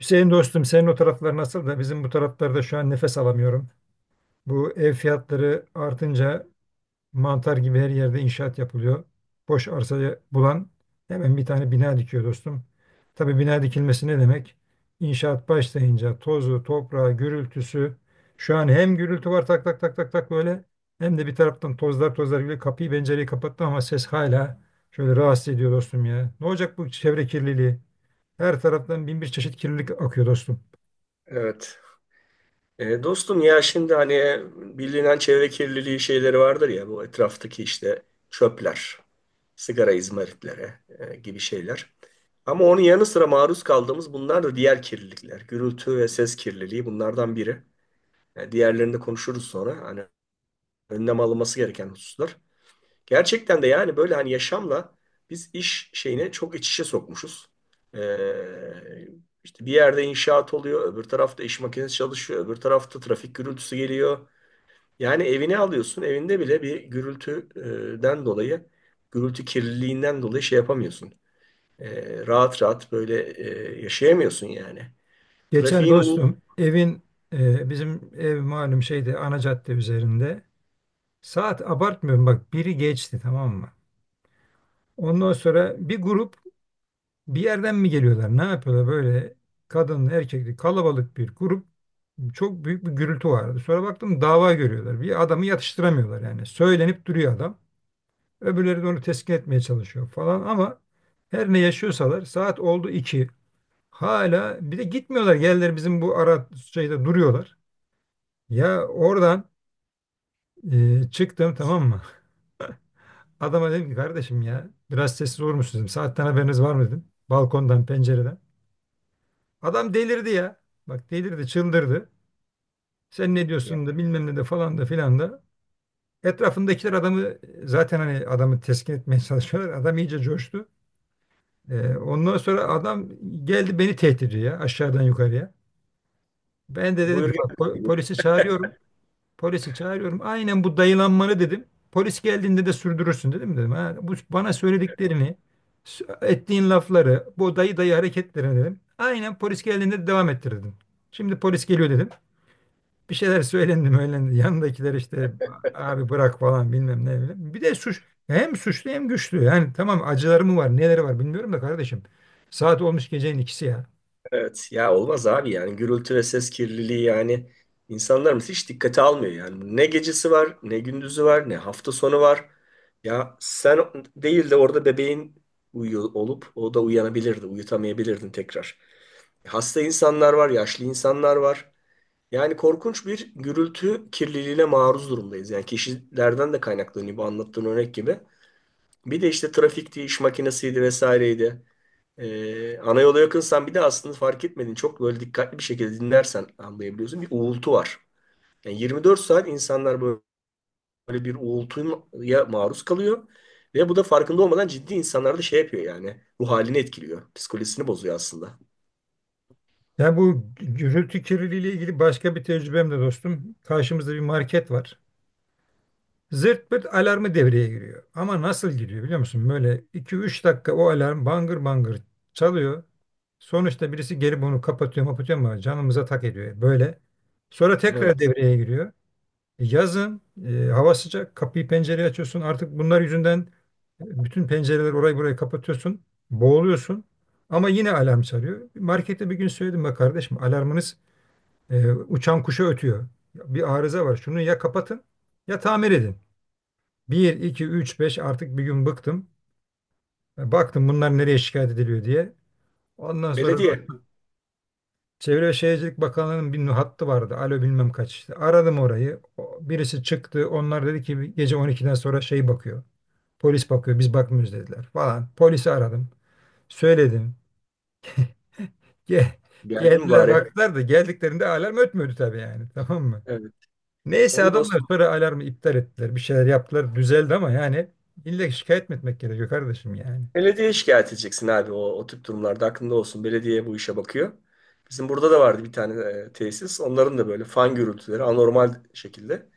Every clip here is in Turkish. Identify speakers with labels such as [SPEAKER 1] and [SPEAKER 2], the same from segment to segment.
[SPEAKER 1] Hüseyin dostum senin o taraflar nasıl da bizim bu taraflarda şu an nefes alamıyorum. Bu ev fiyatları artınca mantar gibi her yerde inşaat yapılıyor. Boş arsayı bulan hemen bir tane bina dikiyor dostum. Tabii bina dikilmesi ne demek? İnşaat başlayınca tozu, toprağı, gürültüsü. Şu an hem gürültü var tak tak tak tak tak böyle hem de bir taraftan tozlar tozlar gibi kapıyı pencereyi kapattım ama ses hala şöyle rahatsız ediyor dostum ya. Ne olacak bu çevre kirliliği? Her taraftan bin bir çeşit kirlilik akıyor dostum.
[SPEAKER 2] Evet. Dostum ya şimdi hani bilinen çevre kirliliği şeyleri vardır ya bu etraftaki işte çöpler, sigara izmaritleri gibi şeyler. Ama onun yanı sıra maruz kaldığımız bunlar da diğer kirlilikler. Gürültü ve ses kirliliği bunlardan biri. Diğerlerini de konuşuruz sonra. Hani önlem alınması gereken hususlar. Gerçekten de yani böyle hani yaşamla biz iş şeyini çok iç içe sokmuşuz. Ee, işte bir yerde inşaat oluyor, öbür tarafta iş makinesi çalışıyor, öbür tarafta trafik gürültüsü geliyor. Yani evini alıyorsun, evinde bile bir gürültüden dolayı, gürültü kirliliğinden dolayı şey yapamıyorsun. Rahat rahat böyle yaşayamıyorsun yani.
[SPEAKER 1] Geçen
[SPEAKER 2] Trafiğin uğultusu.
[SPEAKER 1] dostum evin bizim ev malum şeyde ana cadde üzerinde. Saat abartmıyorum bak biri geçti tamam mı? Ondan sonra bir grup bir yerden mi geliyorlar ne yapıyorlar böyle kadın erkekli kalabalık bir grup çok büyük bir gürültü vardı. Sonra baktım dava görüyorlar bir adamı yatıştıramıyorlar yani söylenip duruyor adam. Öbürleri de onu teskin etmeye çalışıyor falan ama her ne yaşıyorsalar saat oldu 2 hala bir de gitmiyorlar geldiler bizim bu ara şeyde duruyorlar. Ya oradan çıktım tamam mı? Adama dedim ki kardeşim ya biraz sessiz olur musunuz dedim. Saatten haberiniz var mı dedim. Balkondan pencereden. Adam delirdi ya. Bak delirdi çıldırdı. Sen ne diyorsun da bilmem ne de falan da filan da. Etrafındakiler adamı zaten hani adamı teskin etmeye çalışıyorlar. Adam iyice coştu. Ondan sonra adam geldi beni tehdit ediyor ya aşağıdan yukarıya. Ben de dedim ki
[SPEAKER 2] Buyur
[SPEAKER 1] bak
[SPEAKER 2] gel.
[SPEAKER 1] polisi çağırıyorum. Polisi çağırıyorum. Aynen bu dayılanmanı dedim. Polis geldiğinde de sürdürürsün dedim. Ha, bu bana söylediklerini, ettiğin lafları, bu dayı dayı hareketlerini dedim. Aynen polis geldiğinde de devam ettir dedim. Şimdi polis geliyor dedim. Bir şeyler söylendi söylendi. Yanındakiler işte abi bırak falan bilmem ne, bilmem. Bir de suç hem suçlu hem güçlü. Yani tamam acıları mı var neleri var bilmiyorum da kardeşim. Saat olmuş gecenin 2'si ya.
[SPEAKER 2] Evet ya olmaz abi yani gürültü ve ses kirliliği yani insanlarımız hiç dikkate almıyor yani. Ne gecesi var, ne gündüzü var, ne hafta sonu var. Ya sen değil de orada bebeğin uyuyor olup o da uyanabilirdi, uyutamayabilirdin tekrar. Hasta insanlar var, yaşlı insanlar var. Yani korkunç bir gürültü kirliliğine maruz durumdayız. Yani kişilerden de kaynaklanıyor bu anlattığın örnek gibi. Bir de işte trafikti, iş makinesiydi vesaireydi. Ana yola yakınsan bir de aslında fark etmedin. Çok böyle dikkatli bir şekilde dinlersen anlayabiliyorsun. Bir uğultu var. Yani 24 saat insanlar böyle bir uğultuya maruz kalıyor. Ve bu da farkında olmadan ciddi insanlarda şey yapıyor yani. Ruh halini etkiliyor. Psikolojisini bozuyor aslında.
[SPEAKER 1] Ya bu gürültü kirliliği ile ilgili başka bir tecrübem de dostum. Karşımızda bir market var. Zırt pırt alarmı devreye giriyor. Ama nasıl giriyor biliyor musun? Böyle 2-3 dakika o alarm bangır bangır çalıyor. Sonuçta birisi gelip onu kapatıyor mapatıyor ama canımıza tak ediyor böyle. Sonra tekrar
[SPEAKER 2] Evet.
[SPEAKER 1] devreye giriyor. Yazın hava sıcak kapıyı pencereyi açıyorsun. Artık bunlar yüzünden bütün pencereleri orayı burayı kapatıyorsun. Boğuluyorsun. Ama yine alarm çalıyor. Markette bir gün söyledim ya kardeşim alarmınız uçan kuşa ötüyor. Bir arıza var şunu ya kapatın ya tamir edin. Bir 2 3 5 artık bir gün bıktım. Baktım bunlar nereye şikayet ediliyor diye. Ondan sonra
[SPEAKER 2] Belediye.
[SPEAKER 1] bu Çevre ve Şehircilik Bakanlığı'nın bir hattı vardı. Alo bilmem kaç işte. Aradım orayı. Birisi çıktı. Onlar dedi ki gece 12'den sonra şey bakıyor. Polis bakıyor biz bakmıyoruz dediler falan. Polisi aradım. Söyledim. Ge-
[SPEAKER 2] Geldim
[SPEAKER 1] Geldiler
[SPEAKER 2] bari.
[SPEAKER 1] baktılar da geldiklerinde alarm ötmüyordu tabii yani tamam mı?
[SPEAKER 2] Evet.
[SPEAKER 1] Neyse
[SPEAKER 2] Onu
[SPEAKER 1] adamlar
[SPEAKER 2] dostum.
[SPEAKER 1] sonra alarmı iptal ettiler. Bir şeyler yaptılar düzeldi ama yani illa şikayet mi etmek gerekiyor kardeşim yani.
[SPEAKER 2] Belediyeye şikayet edeceksin abi o tip durumlarda. Aklında olsun. Belediye bu işe bakıyor. Bizim burada da vardı bir tane tesis. Onların da böyle fan gürültüleri anormal şekilde.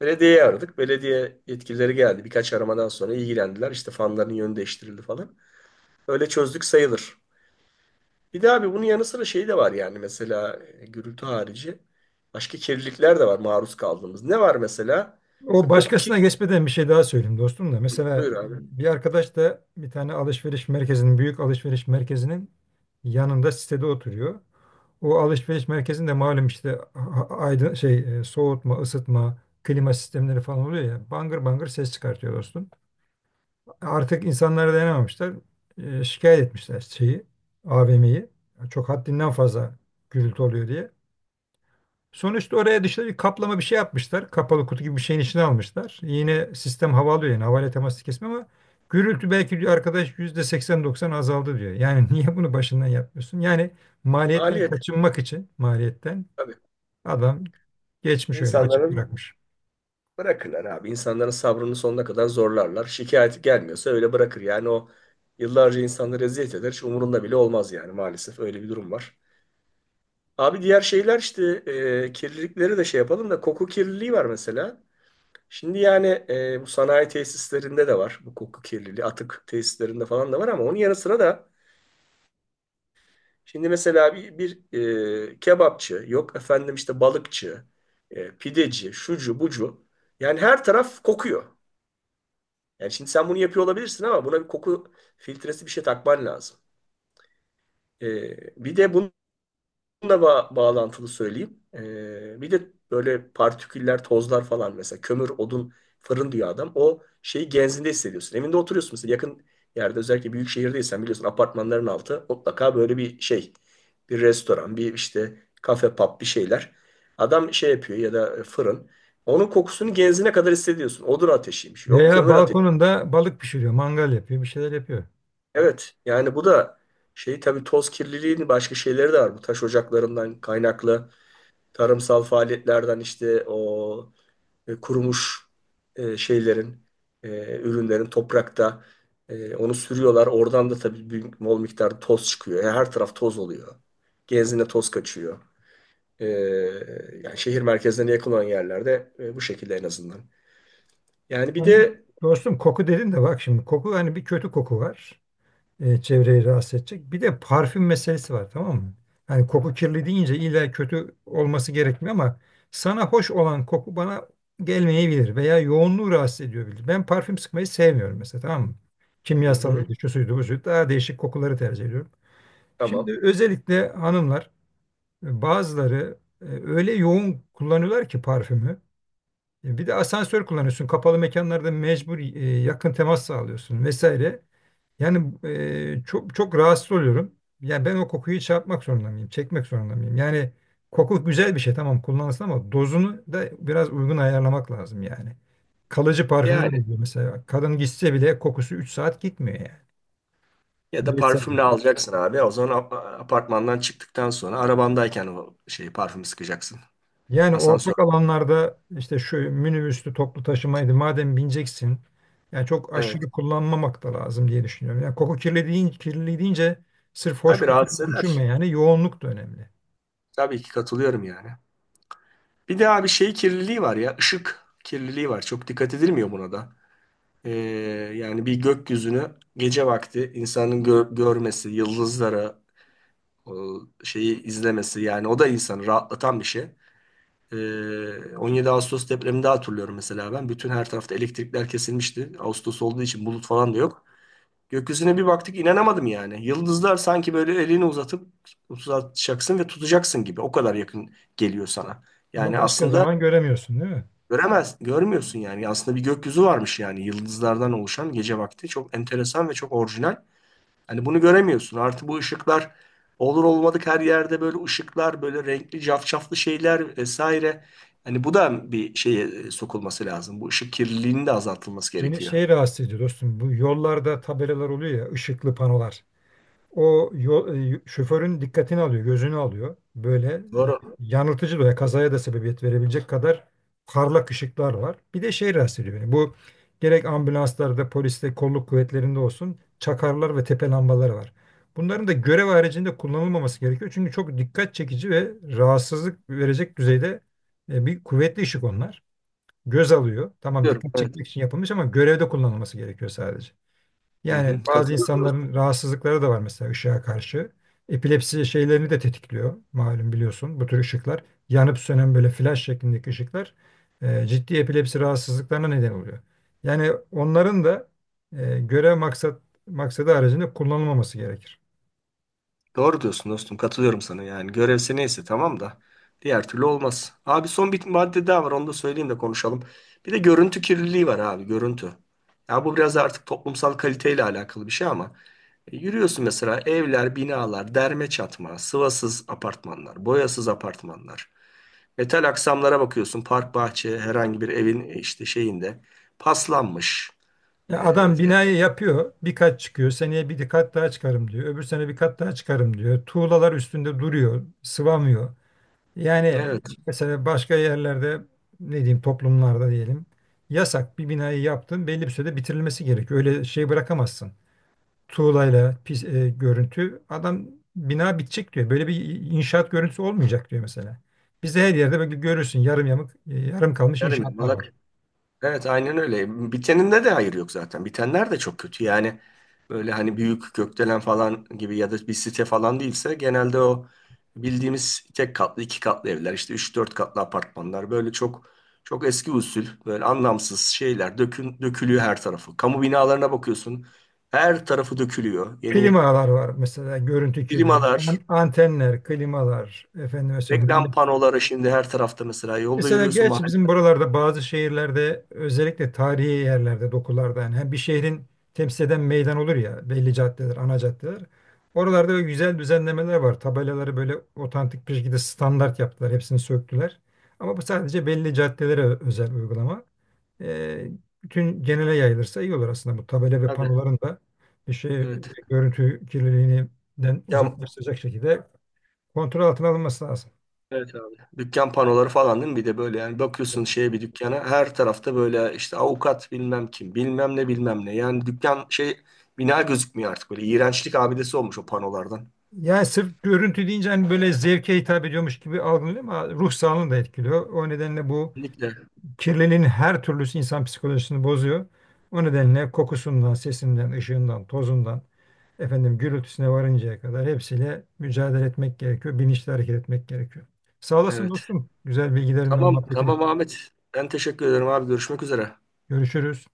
[SPEAKER 2] Belediyeyi aradık. Belediye yetkilileri geldi. Birkaç aramadan sonra ilgilendiler. İşte fanların yönü değiştirildi falan. Öyle çözdük sayılır. Bir de abi bunun yanı sıra şey de var yani mesela gürültü harici başka kirlilikler de var maruz kaldığımız. Ne var mesela?
[SPEAKER 1] O
[SPEAKER 2] İşte koku
[SPEAKER 1] başkasına
[SPEAKER 2] kirli.
[SPEAKER 1] geçmeden bir şey daha söyleyeyim dostum da. Mesela
[SPEAKER 2] Buyur abi.
[SPEAKER 1] bir arkadaş da bir tane alışveriş merkezinin, büyük alışveriş merkezinin yanında sitede oturuyor. O alışveriş merkezinde malum işte aydın şey soğutma, ısıtma, klima sistemleri falan oluyor ya. Bangır bangır ses çıkartıyor dostum. Artık insanlara dayanamamışlar. Şikayet etmişler şeyi, AVM'yi. Çok haddinden fazla gürültü oluyor diye. Sonuçta oraya dışta bir kaplama bir şey yapmışlar. Kapalı kutu gibi bir şeyin içine almışlar. Yine sistem havalıyor yani havayla teması kesme ama gürültü belki diyor arkadaş %80-90 azaldı diyor. Yani niye bunu başından yapmıyorsun? Yani maliyetten
[SPEAKER 2] Maliyet.
[SPEAKER 1] kaçınmak için maliyetten
[SPEAKER 2] Tabii.
[SPEAKER 1] adam geçmiş öyle açık
[SPEAKER 2] İnsanların
[SPEAKER 1] bırakmış.
[SPEAKER 2] bırakırlar abi. İnsanların sabrını sonuna kadar zorlarlar. Şikayeti gelmiyorsa öyle bırakır. Yani o yıllarca insanları eziyet eder. Hiç umurunda bile olmaz yani maalesef öyle bir durum var. Abi diğer şeyler işte kirlilikleri de şey yapalım da koku kirliliği var mesela. Şimdi yani bu sanayi tesislerinde de var bu koku kirliliği. Atık tesislerinde falan da var ama onun yanı sıra da şimdi mesela bir kebapçı yok efendim işte balıkçı, pideci, şucu bucu. Yani her taraf kokuyor. Yani şimdi sen bunu yapıyor olabilirsin ama buna bir koku filtresi bir şey takman lazım. E, Bir de bunun da bağlantılı söyleyeyim. Bir de böyle partiküller, tozlar falan mesela kömür, odun, fırın diyor adam. O şeyi genzinde hissediyorsun. Evinde oturuyorsun mesela yakın yerde özellikle büyük şehirdeysen biliyorsun apartmanların altı mutlaka böyle bir şey. Bir restoran, bir işte kafe, pub bir şeyler. Adam şey yapıyor ya da fırın. Onun kokusunu genzine kadar hissediyorsun. Odun ateşiymiş. Yok
[SPEAKER 1] Veya
[SPEAKER 2] kömür ateşi.
[SPEAKER 1] balkonunda balık pişiriyor, mangal yapıyor, bir şeyler yapıyor.
[SPEAKER 2] Evet yani bu da şey tabii toz kirliliğinin başka şeyleri de var. Bu taş ocaklarından kaynaklı tarımsal faaliyetlerden işte o kurumuş şeylerin, ürünlerin toprakta onu sürüyorlar. Oradan da tabii büyük bol miktarda toz çıkıyor. Yani her taraf toz oluyor. Genzine toz kaçıyor. E, Yani şehir merkezlerine yakın olan yerlerde bu şekilde en azından. Yani bir
[SPEAKER 1] Yani
[SPEAKER 2] de
[SPEAKER 1] dostum koku dedin de bak şimdi koku hani bir kötü koku var. Çevreyi rahatsız edecek. Bir de parfüm meselesi var tamam mı? Yani koku kirli deyince illa kötü olması gerekmiyor ama sana hoş olan koku bana gelmeyebilir veya yoğunluğu rahatsız ediyor. Ben parfüm sıkmayı sevmiyorum mesela tamam mı?
[SPEAKER 2] hı hı,
[SPEAKER 1] Kimyasalıydı, şu suydu, bu suydu. Daha değişik kokuları tercih ediyorum.
[SPEAKER 2] tamam.
[SPEAKER 1] Şimdi özellikle hanımlar bazıları öyle yoğun kullanıyorlar ki parfümü. Bir de asansör kullanıyorsun. Kapalı mekanlarda mecbur yakın temas sağlıyorsun vesaire. Yani çok çok rahatsız oluyorum. Yani ben o kokuyu çarpmak zorunda mıyım? Çekmek zorunda mıyım? Yani koku güzel bir şey tamam kullanılsın ama dozunu da biraz uygun ayarlamak lazım yani. Kalıcı parfümler
[SPEAKER 2] Yani
[SPEAKER 1] oluyor mesela. Kadın gitse bile kokusu 3 saat gitmiyor yani.
[SPEAKER 2] ya da parfümle
[SPEAKER 1] Vesaire.
[SPEAKER 2] alacaksın abi. O zaman apartmandan çıktıktan sonra arabandayken o şeyi parfümü sıkacaksın.
[SPEAKER 1] Yani
[SPEAKER 2] Asansör.
[SPEAKER 1] ortak alanlarda işte şu minibüslü toplu taşımaydı madem bineceksin yani çok
[SPEAKER 2] Evet.
[SPEAKER 1] aşırı kullanmamak da lazım diye düşünüyorum. Yani koku kirli deyince, kirli deyince sırf hoş
[SPEAKER 2] Tabii
[SPEAKER 1] koku
[SPEAKER 2] rahatsız
[SPEAKER 1] diye düşünme
[SPEAKER 2] eder.
[SPEAKER 1] yani yoğunluk da önemli.
[SPEAKER 2] Tabii ki katılıyorum yani. Bir de abi şey kirliliği var ya ışık kirliliği var. Çok dikkat edilmiyor buna da. Ee, Yani bir gökyüzünü gece vakti insanın görmesi, yıldızları o şeyi izlemesi yani o da insanı rahatlatan bir şey. 17 Ağustos depreminde hatırlıyorum mesela ben. Bütün her tarafta elektrikler kesilmişti. Ağustos olduğu için bulut falan da yok. Gökyüzüne bir baktık inanamadım yani. Yıldızlar sanki böyle elini uzatıp uzatacaksın ve tutacaksın gibi. O kadar yakın geliyor sana.
[SPEAKER 1] Ama
[SPEAKER 2] Yani
[SPEAKER 1] başka
[SPEAKER 2] aslında
[SPEAKER 1] zaman göremiyorsun değil mi?
[SPEAKER 2] göremez, görmüyorsun yani. Aslında bir gökyüzü varmış yani yıldızlardan oluşan gece vakti. Çok enteresan ve çok orijinal. Hani bunu göremiyorsun. Artı bu ışıklar olur olmadık her yerde böyle ışıklar, böyle renkli cafcaflı şeyler vesaire. Hani bu da bir şeye sokulması lazım. Bu ışık kirliliğinin de azaltılması
[SPEAKER 1] Beni
[SPEAKER 2] gerekiyor.
[SPEAKER 1] şey rahatsız ediyor dostum bu yollarda tabelalar oluyor ya ışıklı panolar. O yol, şoförün dikkatini alıyor, gözünü alıyor. Böyle
[SPEAKER 2] Doğru.
[SPEAKER 1] yanıltıcı veya kazaya da sebebiyet verebilecek kadar parlak ışıklar var. Bir de şey rahatsız ediyor beni. Bu gerek ambulanslarda, poliste, kolluk kuvvetlerinde olsun çakarlar ve tepe lambaları var. Bunların da görev haricinde kullanılmaması gerekiyor. Çünkü çok dikkat çekici ve rahatsızlık verecek düzeyde bir kuvvetli ışık onlar. Göz alıyor. Tamam
[SPEAKER 2] Diyorum,
[SPEAKER 1] dikkat
[SPEAKER 2] evet.
[SPEAKER 1] çekmek için yapılmış ama görevde kullanılması gerekiyor sadece.
[SPEAKER 2] Hı hı.
[SPEAKER 1] Yani bazı
[SPEAKER 2] Katılıyorum.
[SPEAKER 1] insanların rahatsızlıkları da var mesela ışığa karşı. Epilepsi şeylerini de tetikliyor malum biliyorsun bu tür ışıklar. Yanıp sönen böyle flash şeklindeki ışıklar ciddi epilepsi rahatsızlıklarına neden oluyor. Yani onların da e, görev maksat maksadı haricinde kullanılmaması gerekir.
[SPEAKER 2] Doğru diyorsun dostum katılıyorum sana yani görevse neyse tamam da diğer türlü olmaz. Abi son bir madde daha var onu da söyleyeyim de konuşalım. Bir de görüntü kirliliği var abi görüntü. Ya bu biraz artık toplumsal kaliteyle alakalı bir şey ama yürüyorsun mesela evler, binalar, derme çatma, sıvasız apartmanlar, boyasız apartmanlar. Metal aksamlara bakıyorsun park bahçe herhangi bir evin işte şeyinde paslanmış. E,
[SPEAKER 1] Ya adam
[SPEAKER 2] e,
[SPEAKER 1] binayı yapıyor, bir kat çıkıyor, seneye bir kat daha çıkarım diyor, öbür sene bir kat daha çıkarım diyor. Tuğlalar üstünde duruyor, sıvamıyor. Yani
[SPEAKER 2] evet.
[SPEAKER 1] mesela başka yerlerde ne diyeyim toplumlarda diyelim yasak bir binayı yaptın belli bir sürede bitirilmesi gerekiyor. Öyle şey bırakamazsın. Tuğlayla pis, görüntü adam bina bitecek diyor. Böyle bir inşaat görüntüsü olmayacak diyor mesela. Bizde her yerde böyle görürsün yarım yamuk yarım kalmış
[SPEAKER 2] Yarım
[SPEAKER 1] inşaatlar var.
[SPEAKER 2] yamalak. Evet, aynen öyle. Biteninde de hayır yok zaten. Bitenler de çok kötü. Yani böyle hani büyük gökdelen falan gibi ya da bir site falan değilse genelde o bildiğimiz tek katlı, iki katlı evler, işte üç dört katlı apartmanlar böyle çok çok eski usul, böyle anlamsız şeyler dökün, dökülüyor her tarafı. Kamu binalarına bakıyorsun. Her tarafı dökülüyor. Yeni
[SPEAKER 1] Klimalar var mesela görüntü kirliliği.
[SPEAKER 2] primalar,
[SPEAKER 1] Antenler, klimalar efendime
[SPEAKER 2] reklam
[SPEAKER 1] söyleyeyim.
[SPEAKER 2] panoları şimdi her tarafta mesela. Yolda
[SPEAKER 1] Mesela
[SPEAKER 2] yürüyorsun
[SPEAKER 1] gerçi bizim buralarda bazı şehirlerde özellikle tarihi yerlerde dokularda yani hem bir şehrin temsil eden meydan olur ya belli caddeler, ana caddeler. Oralarda böyle güzel düzenlemeler var. Tabelaları böyle otantik bir şekilde standart yaptılar. Hepsini söktüler. Ama bu sadece belli caddelere özel uygulama. Ee, Bütün genele yayılırsa iyi olur aslında bu tabela ve
[SPEAKER 2] mahallede.
[SPEAKER 1] panoların da bir şey
[SPEAKER 2] Evet.
[SPEAKER 1] görüntü kirliliğinden
[SPEAKER 2] Ya
[SPEAKER 1] uzaklaştıracak şekilde kontrol altına alınması lazım.
[SPEAKER 2] evet abi. Dükkan panoları falan değil mi? Bir de böyle yani bakıyorsun şeye bir dükkana her tarafta böyle işte avukat bilmem kim bilmem ne bilmem ne. Yani dükkan şey bina gözükmüyor artık böyle iğrençlik abidesi olmuş o panolardan.
[SPEAKER 1] Yani sırf görüntü deyince hani böyle zevke hitap ediyormuş gibi algılanıyor ama ruh sağlığını da etkiliyor. O nedenle bu
[SPEAKER 2] Kesinlikle.
[SPEAKER 1] kirliliğin her türlüsü insan psikolojisini bozuyor. O nedenle kokusundan, sesinden, ışığından, tozundan, efendim gürültüsüne varıncaya kadar hepsiyle mücadele etmek gerekiyor. Bilinçli hareket etmek gerekiyor. Sağ olasın
[SPEAKER 2] Evet.
[SPEAKER 1] dostum. Güzel bilgilerin ve
[SPEAKER 2] Tamam
[SPEAKER 1] muhabbetin
[SPEAKER 2] tamam
[SPEAKER 1] için.
[SPEAKER 2] Ahmet. Ben teşekkür ederim abi. Görüşmek üzere.
[SPEAKER 1] Görüşürüz.